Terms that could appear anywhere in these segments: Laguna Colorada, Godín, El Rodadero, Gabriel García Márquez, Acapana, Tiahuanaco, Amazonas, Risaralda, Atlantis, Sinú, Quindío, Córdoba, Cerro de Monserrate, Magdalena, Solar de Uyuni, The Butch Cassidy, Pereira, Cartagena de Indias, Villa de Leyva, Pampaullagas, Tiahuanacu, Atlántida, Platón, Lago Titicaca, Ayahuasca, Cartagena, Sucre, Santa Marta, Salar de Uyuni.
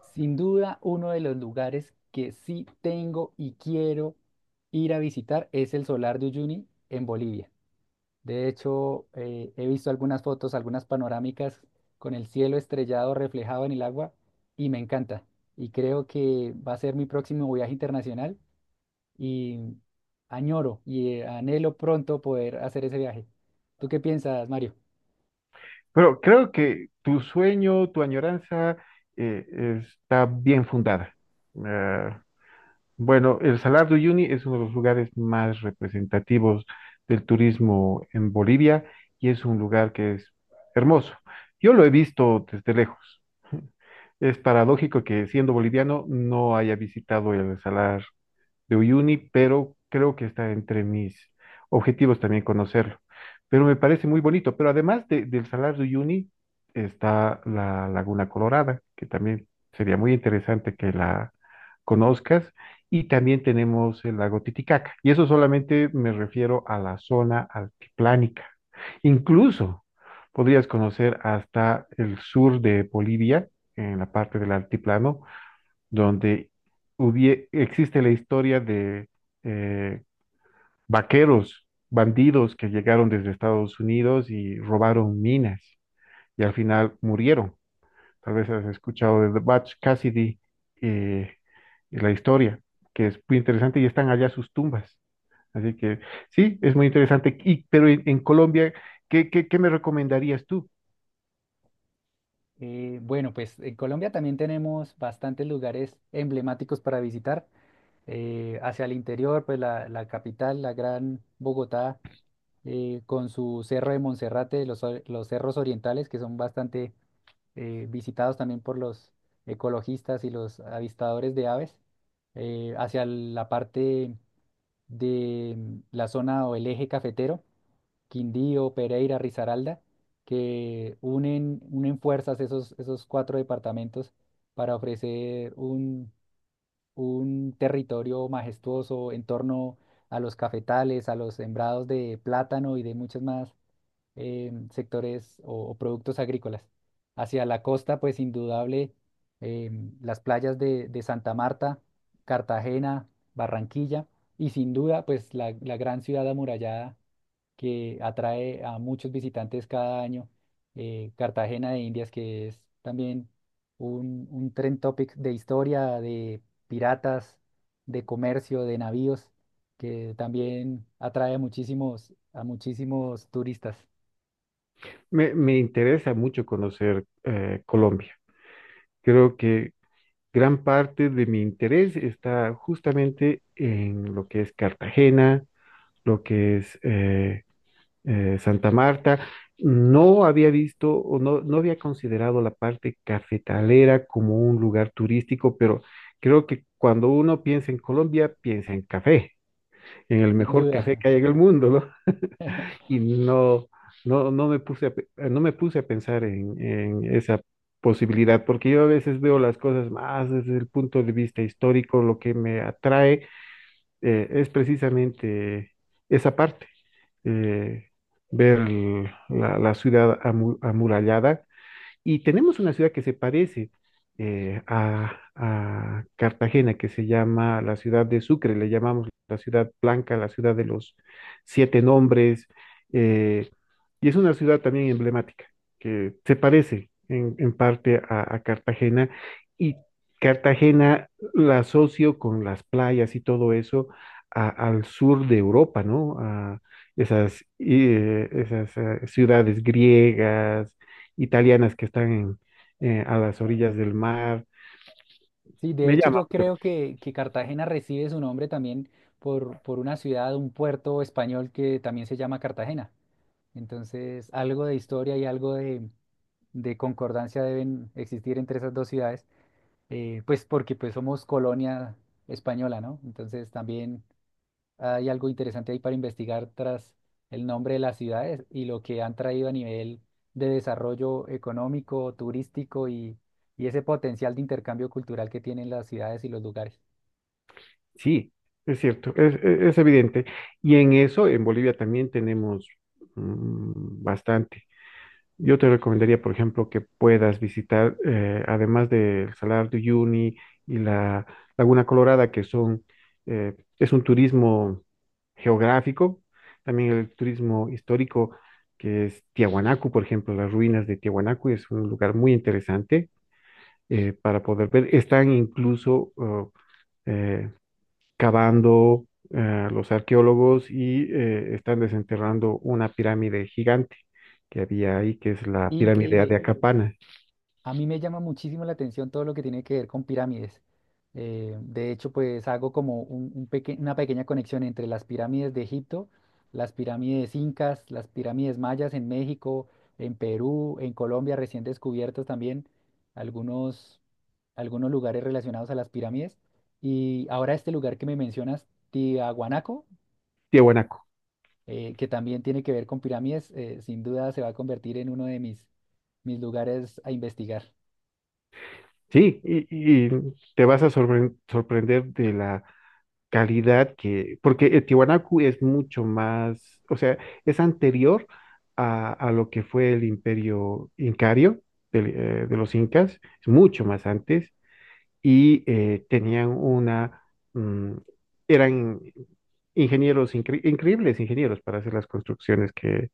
Sin duda, uno de los lugares que sí tengo y quiero ir a visitar es el Solar de Uyuni en Bolivia. De hecho, he visto algunas fotos, algunas panorámicas con el cielo estrellado reflejado en el agua y me encanta. Y creo que va a ser mi próximo viaje internacional y añoro y anhelo pronto poder hacer ese viaje. ¿Tú qué piensas, Mario? Pero creo que tu sueño, tu añoranza está bien fundada. Eh, bueno, el Salar de Uyuni es uno de los lugares más representativos del turismo en Bolivia y es un lugar que es hermoso. Yo lo he visto desde lejos. Es paradójico que siendo boliviano no haya visitado el Salar de Uyuni, pero creo que está entre mis objetivos también conocerlo. Pero me parece muy bonito. Pero del Salar de Uyuni está la Laguna Colorada, que también sería muy interesante que la conozcas. Y también tenemos el lago Titicaca. Y eso solamente me refiero a la zona altiplánica. Incluso podrías conocer hasta el sur de Bolivia, en la parte del altiplano donde existe la historia de eh, vaqueros, bandidos que llegaron desde Estados Unidos y robaron minas y al final murieron. Tal vez has escuchado de The Butch Cassidy eh, y la historia, que es muy interesante y están allá sus tumbas. Así que sí, es muy interesante. Pero en Colombia, qué me recomendarías tú? Bueno, pues en Colombia también tenemos bastantes lugares emblemáticos para visitar. Hacia el interior, pues la capital, la gran Bogotá, con su Cerro de Monserrate, los cerros orientales, que son bastante visitados también por los ecologistas y los avistadores de aves. Hacia la parte de la zona o el eje cafetero. Quindío, Pereira, Risaralda, que unen fuerzas esos cuatro departamentos para ofrecer un territorio majestuoso en torno a los cafetales, a los sembrados de plátano y de muchos más sectores o productos agrícolas. Hacia la costa, pues indudable, eh, las playas de Santa Marta, Cartagena, Barranquilla y sin duda, pues la gran ciudad amurallada que atrae a muchos visitantes cada año. Eh, Cartagena de Indias, que es también un trend topic de historia, de piratas, de comercio, de navíos, que también atrae a a muchísimos turistas. Me interesa mucho conocer Colombia. Creo que gran parte de mi interés está justamente en lo que es Cartagena, lo que es Santa Marta. No había visto o no había considerado la parte cafetalera como un lugar turístico, pero creo que cuando uno piensa en Colombia, piensa en café, en el Sin mejor duda. café que hay en el mundo, ¿no? Y no me puse a, no me puse a pensar en esa posibilidad, porque yo a veces veo las cosas más desde el punto de vista histórico, lo que me atrae es precisamente esa parte, eh, ver el- la, la ciudad amurallada, y tenemos una ciudad que se parece a Cartagena, que se llama la ciudad de Sucre. Le llamamos la ciudad blanca, la ciudad de los siete nombres, eh, y es una ciudad también emblemática, que se parece en parte a Cartagena, y Cartagena la asocio con las playas y todo eso al sur de Europa, ¿no? A esas, esas ciudades griegas, italianas que están a las orillas del mar. Sí, de Me hecho llama, yo creo que Cartagena recibe su nombre también por una ciudad, un puerto español que también se llama Cartagena. Entonces, algo de historia y algo de concordancia deben existir entre esas dos ciudades, pues porque pues somos colonia española, ¿no? Entonces también hay algo interesante ahí para investigar tras el nombre de las ciudades y lo que han traído a nivel de desarrollo económico, turístico y ese potencial de intercambio cultural que tienen las ciudades y los lugares. sí, es cierto, es evidente. Y en eso, en Bolivia también tenemos bastante. Yo te recomendaría, por ejemplo, que puedas visitar, además del Salar de Uyuni y la Laguna Colorada, que son, eh, es un turismo geográfico, también el turismo histórico, que es Tiahuanacu, por ejemplo. Las ruinas de Tiahuanacu es un lugar muy interesante para poder ver. Están incluso eh, cavando los arqueólogos y están desenterrando una pirámide gigante que había ahí, que es la pirámide de Increíble. Acapana, A mí me llama muchísimo la atención todo lo que tiene que ver con pirámides. De hecho, pues hago como una pequeña conexión entre las pirámides de Egipto, las pirámides incas, las pirámides mayas en México, en Perú, en Colombia, recién descubiertos también algunos, algunos lugares relacionados a las pirámides. Y ahora este lugar que me mencionas, Tiahuanaco, Tiahuanaco. Que también tiene que ver con pirámides, sin duda se va a convertir en uno de mis lugares a investigar. Sí, y te vas a sorprender de la calidad, que porque Tiahuanaco es mucho más, o sea, es anterior a lo que fue el imperio incario de los incas. Es mucho más antes, y tenían una, mm, eran ingenieros, increíbles ingenieros para hacer las construcciones que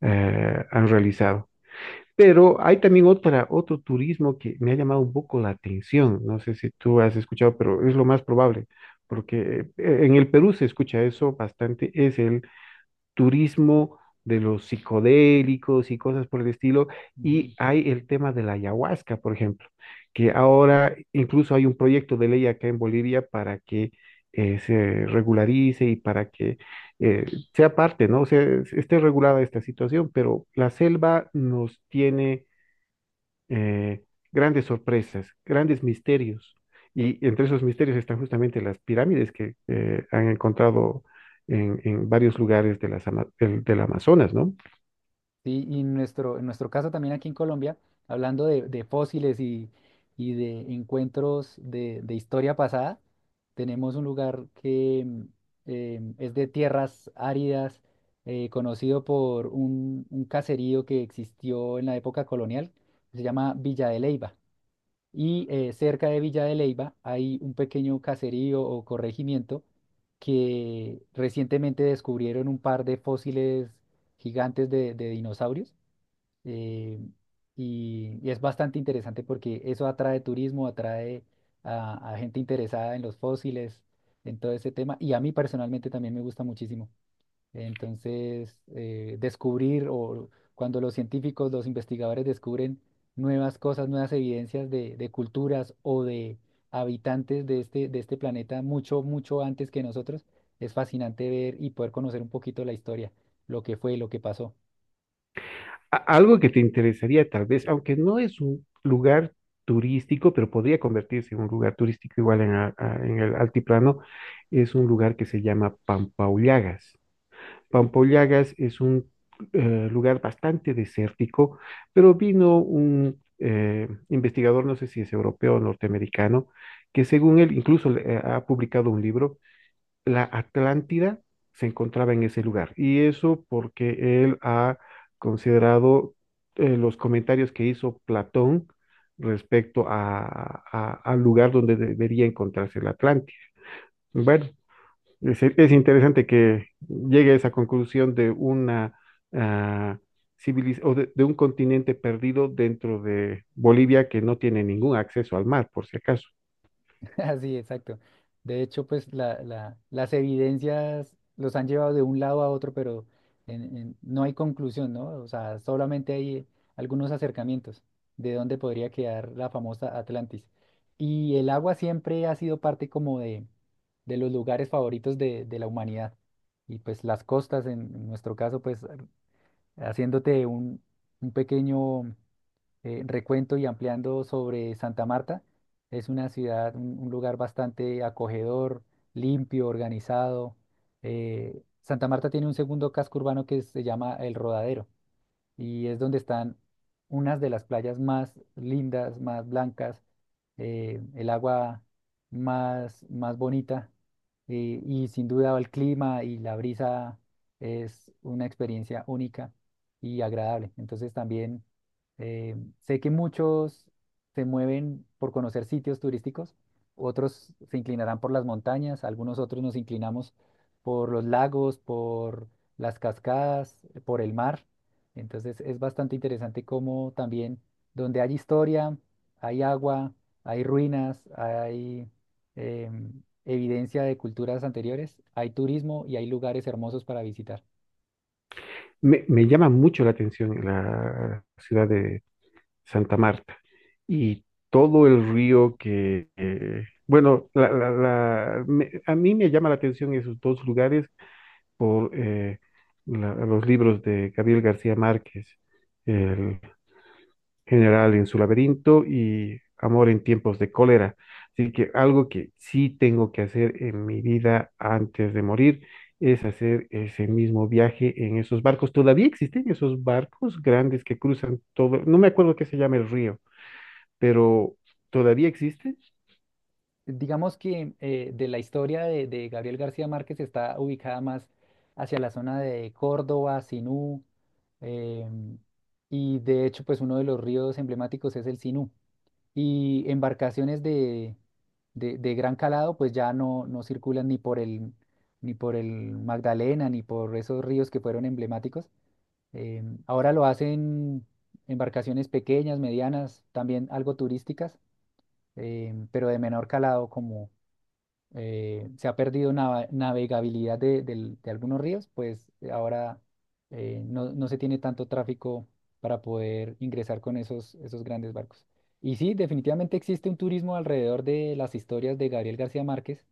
han realizado. Pero hay también otra, otro turismo que me ha llamado un poco la atención. No sé si tú has escuchado, pero es lo más probable, porque en el Perú se escucha eso bastante. Es el turismo de los psicodélicos y cosas por el estilo. Ujú. Y hay el tema de la ayahuasca, por ejemplo, que ahora incluso hay un proyecto de ley acá en Bolivia para que se regularice y para que eh, sea parte, ¿no? O sea, esté regulada esta situación. Pero la selva nos tiene eh, grandes sorpresas, grandes misterios. Y entre esos misterios están justamente las pirámides que han encontrado en varios lugares de del Amazonas, ¿no? Sí, y en nuestro caso también aquí en Colombia, hablando de fósiles y de encuentros de historia pasada, tenemos un lugar que es de tierras áridas, conocido por un caserío que existió en la época colonial, se llama Villa de Leyva. Y cerca de Villa de Leyva hay un pequeño caserío o corregimiento que recientemente descubrieron un par de fósiles gigantes de dinosaurios, eh, y es bastante interesante porque eso atrae turismo, atrae a gente interesada en los fósiles, en todo ese tema. Y a mí personalmente también me gusta muchísimo. Entonces, descubrir o cuando los científicos, los investigadores descubren nuevas cosas, nuevas evidencias de culturas o de habitantes de de este planeta mucho, mucho antes que nosotros, es fascinante ver y poder conocer un poquito la historia, lo que fue, lo que pasó. A- algo que te interesaría tal vez, aunque no es un lugar turístico, pero podría convertirse en un lugar turístico igual en el altiplano, es un lugar que se llama Pampaullagas. Pampollagas es un lugar bastante desértico, pero vino un investigador, no sé si es europeo o norteamericano, que según él incluso ha publicado un libro. La Atlántida se encontraba en ese lugar. Y eso porque él ha considerado los comentarios que hizo Platón respecto a, al lugar donde debería encontrarse la Atlántida. Bueno, es interesante que llegue a esa conclusión de una ah, de un continente perdido dentro de Bolivia que no tiene ningún acceso al mar, por si acaso. Así, exacto. De hecho, pues las evidencias los han llevado de un lado a otro, pero no hay conclusión, ¿no? O sea, solamente hay algunos acercamientos de dónde podría quedar la famosa Atlantis. Y el agua siempre ha sido parte como de los lugares favoritos de la humanidad. Y pues las costas, en nuestro caso, pues haciéndote un pequeño recuento y ampliando sobre Santa Marta. Es una ciudad, un lugar bastante acogedor, limpio, organizado. Santa Marta tiene un segundo casco urbano que se llama El Rodadero y es donde están unas de las playas más lindas, más blancas, el agua más bonita, y sin duda el clima y la brisa es una experiencia única y agradable. Entonces también eh, sé que muchos se mueven por conocer sitios turísticos, otros se inclinarán por las montañas, algunos otros nos inclinamos por los lagos, por las cascadas, por el mar. Entonces es bastante interesante cómo también donde hay historia, hay agua, hay ruinas, hay evidencia de culturas anteriores, hay turismo y hay lugares hermosos para visitar. Me llama mucho la atención la ciudad de Santa Marta y todo el río que, bueno, a mí me llama la atención esos dos lugares por los libros de Gabriel García Márquez, general en su laberinto y amor en tiempos de cólera. Así que algo que sí tengo que hacer en mi vida antes de morir es hacer ese mismo viaje en esos barcos. Todavía existen esos barcos grandes que cruzan todo, no me acuerdo qué se llama el río, pero todavía existen. Digamos que de la historia de Gabriel García Márquez está ubicada más hacia la zona de Córdoba, Sinú, em, y de hecho pues uno de los ríos emblemáticos es el Sinú. Y embarcaciones de gran calado pues ya no circulan ni por ni por el Magdalena, ni por esos ríos que fueron emblemáticos. Ahora lo hacen embarcaciones pequeñas, medianas, también algo turísticas, pero de menor calado como se ha perdido navegabilidad de algunos ríos, pues ahora no, no se tiene tanto tráfico para poder ingresar con esos grandes barcos. Y sí, definitivamente existe un turismo alrededor de las historias de Gabriel García Márquez,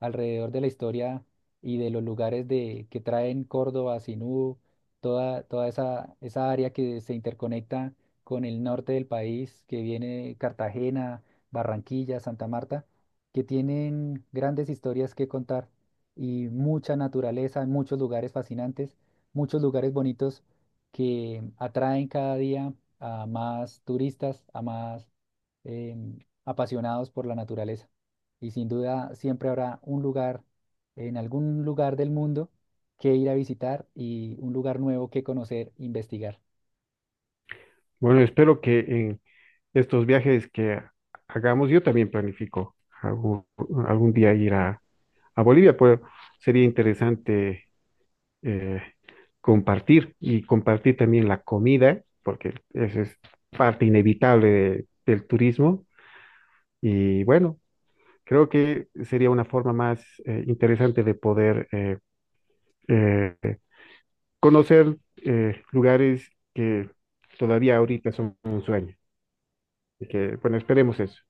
alrededor de la historia y de los lugares que traen Córdoba, Sinú, toda esa área que se interconecta con el norte del país, que viene Cartagena, Barranquilla, Santa Marta, que tienen grandes historias que contar y mucha naturaleza, muchos lugares fascinantes, muchos lugares bonitos que atraen cada día a más turistas, a más em, apasionados por la naturaleza y sin duda siempre habrá un lugar, en algún lugar del mundo que ir a visitar y un lugar nuevo que conocer, investigar. Bueno, espero que en estos viajes que hagamos, yo también planifico algún, algún día ir a Bolivia, pero sería interesante eh, compartir y compartir también la comida, porque esa es parte inevitable del turismo. Y bueno, creo que sería una forma más interesante de poder eh, conocer lugares que todavía ahorita son un sueño. Y que, bueno, esperemos eso.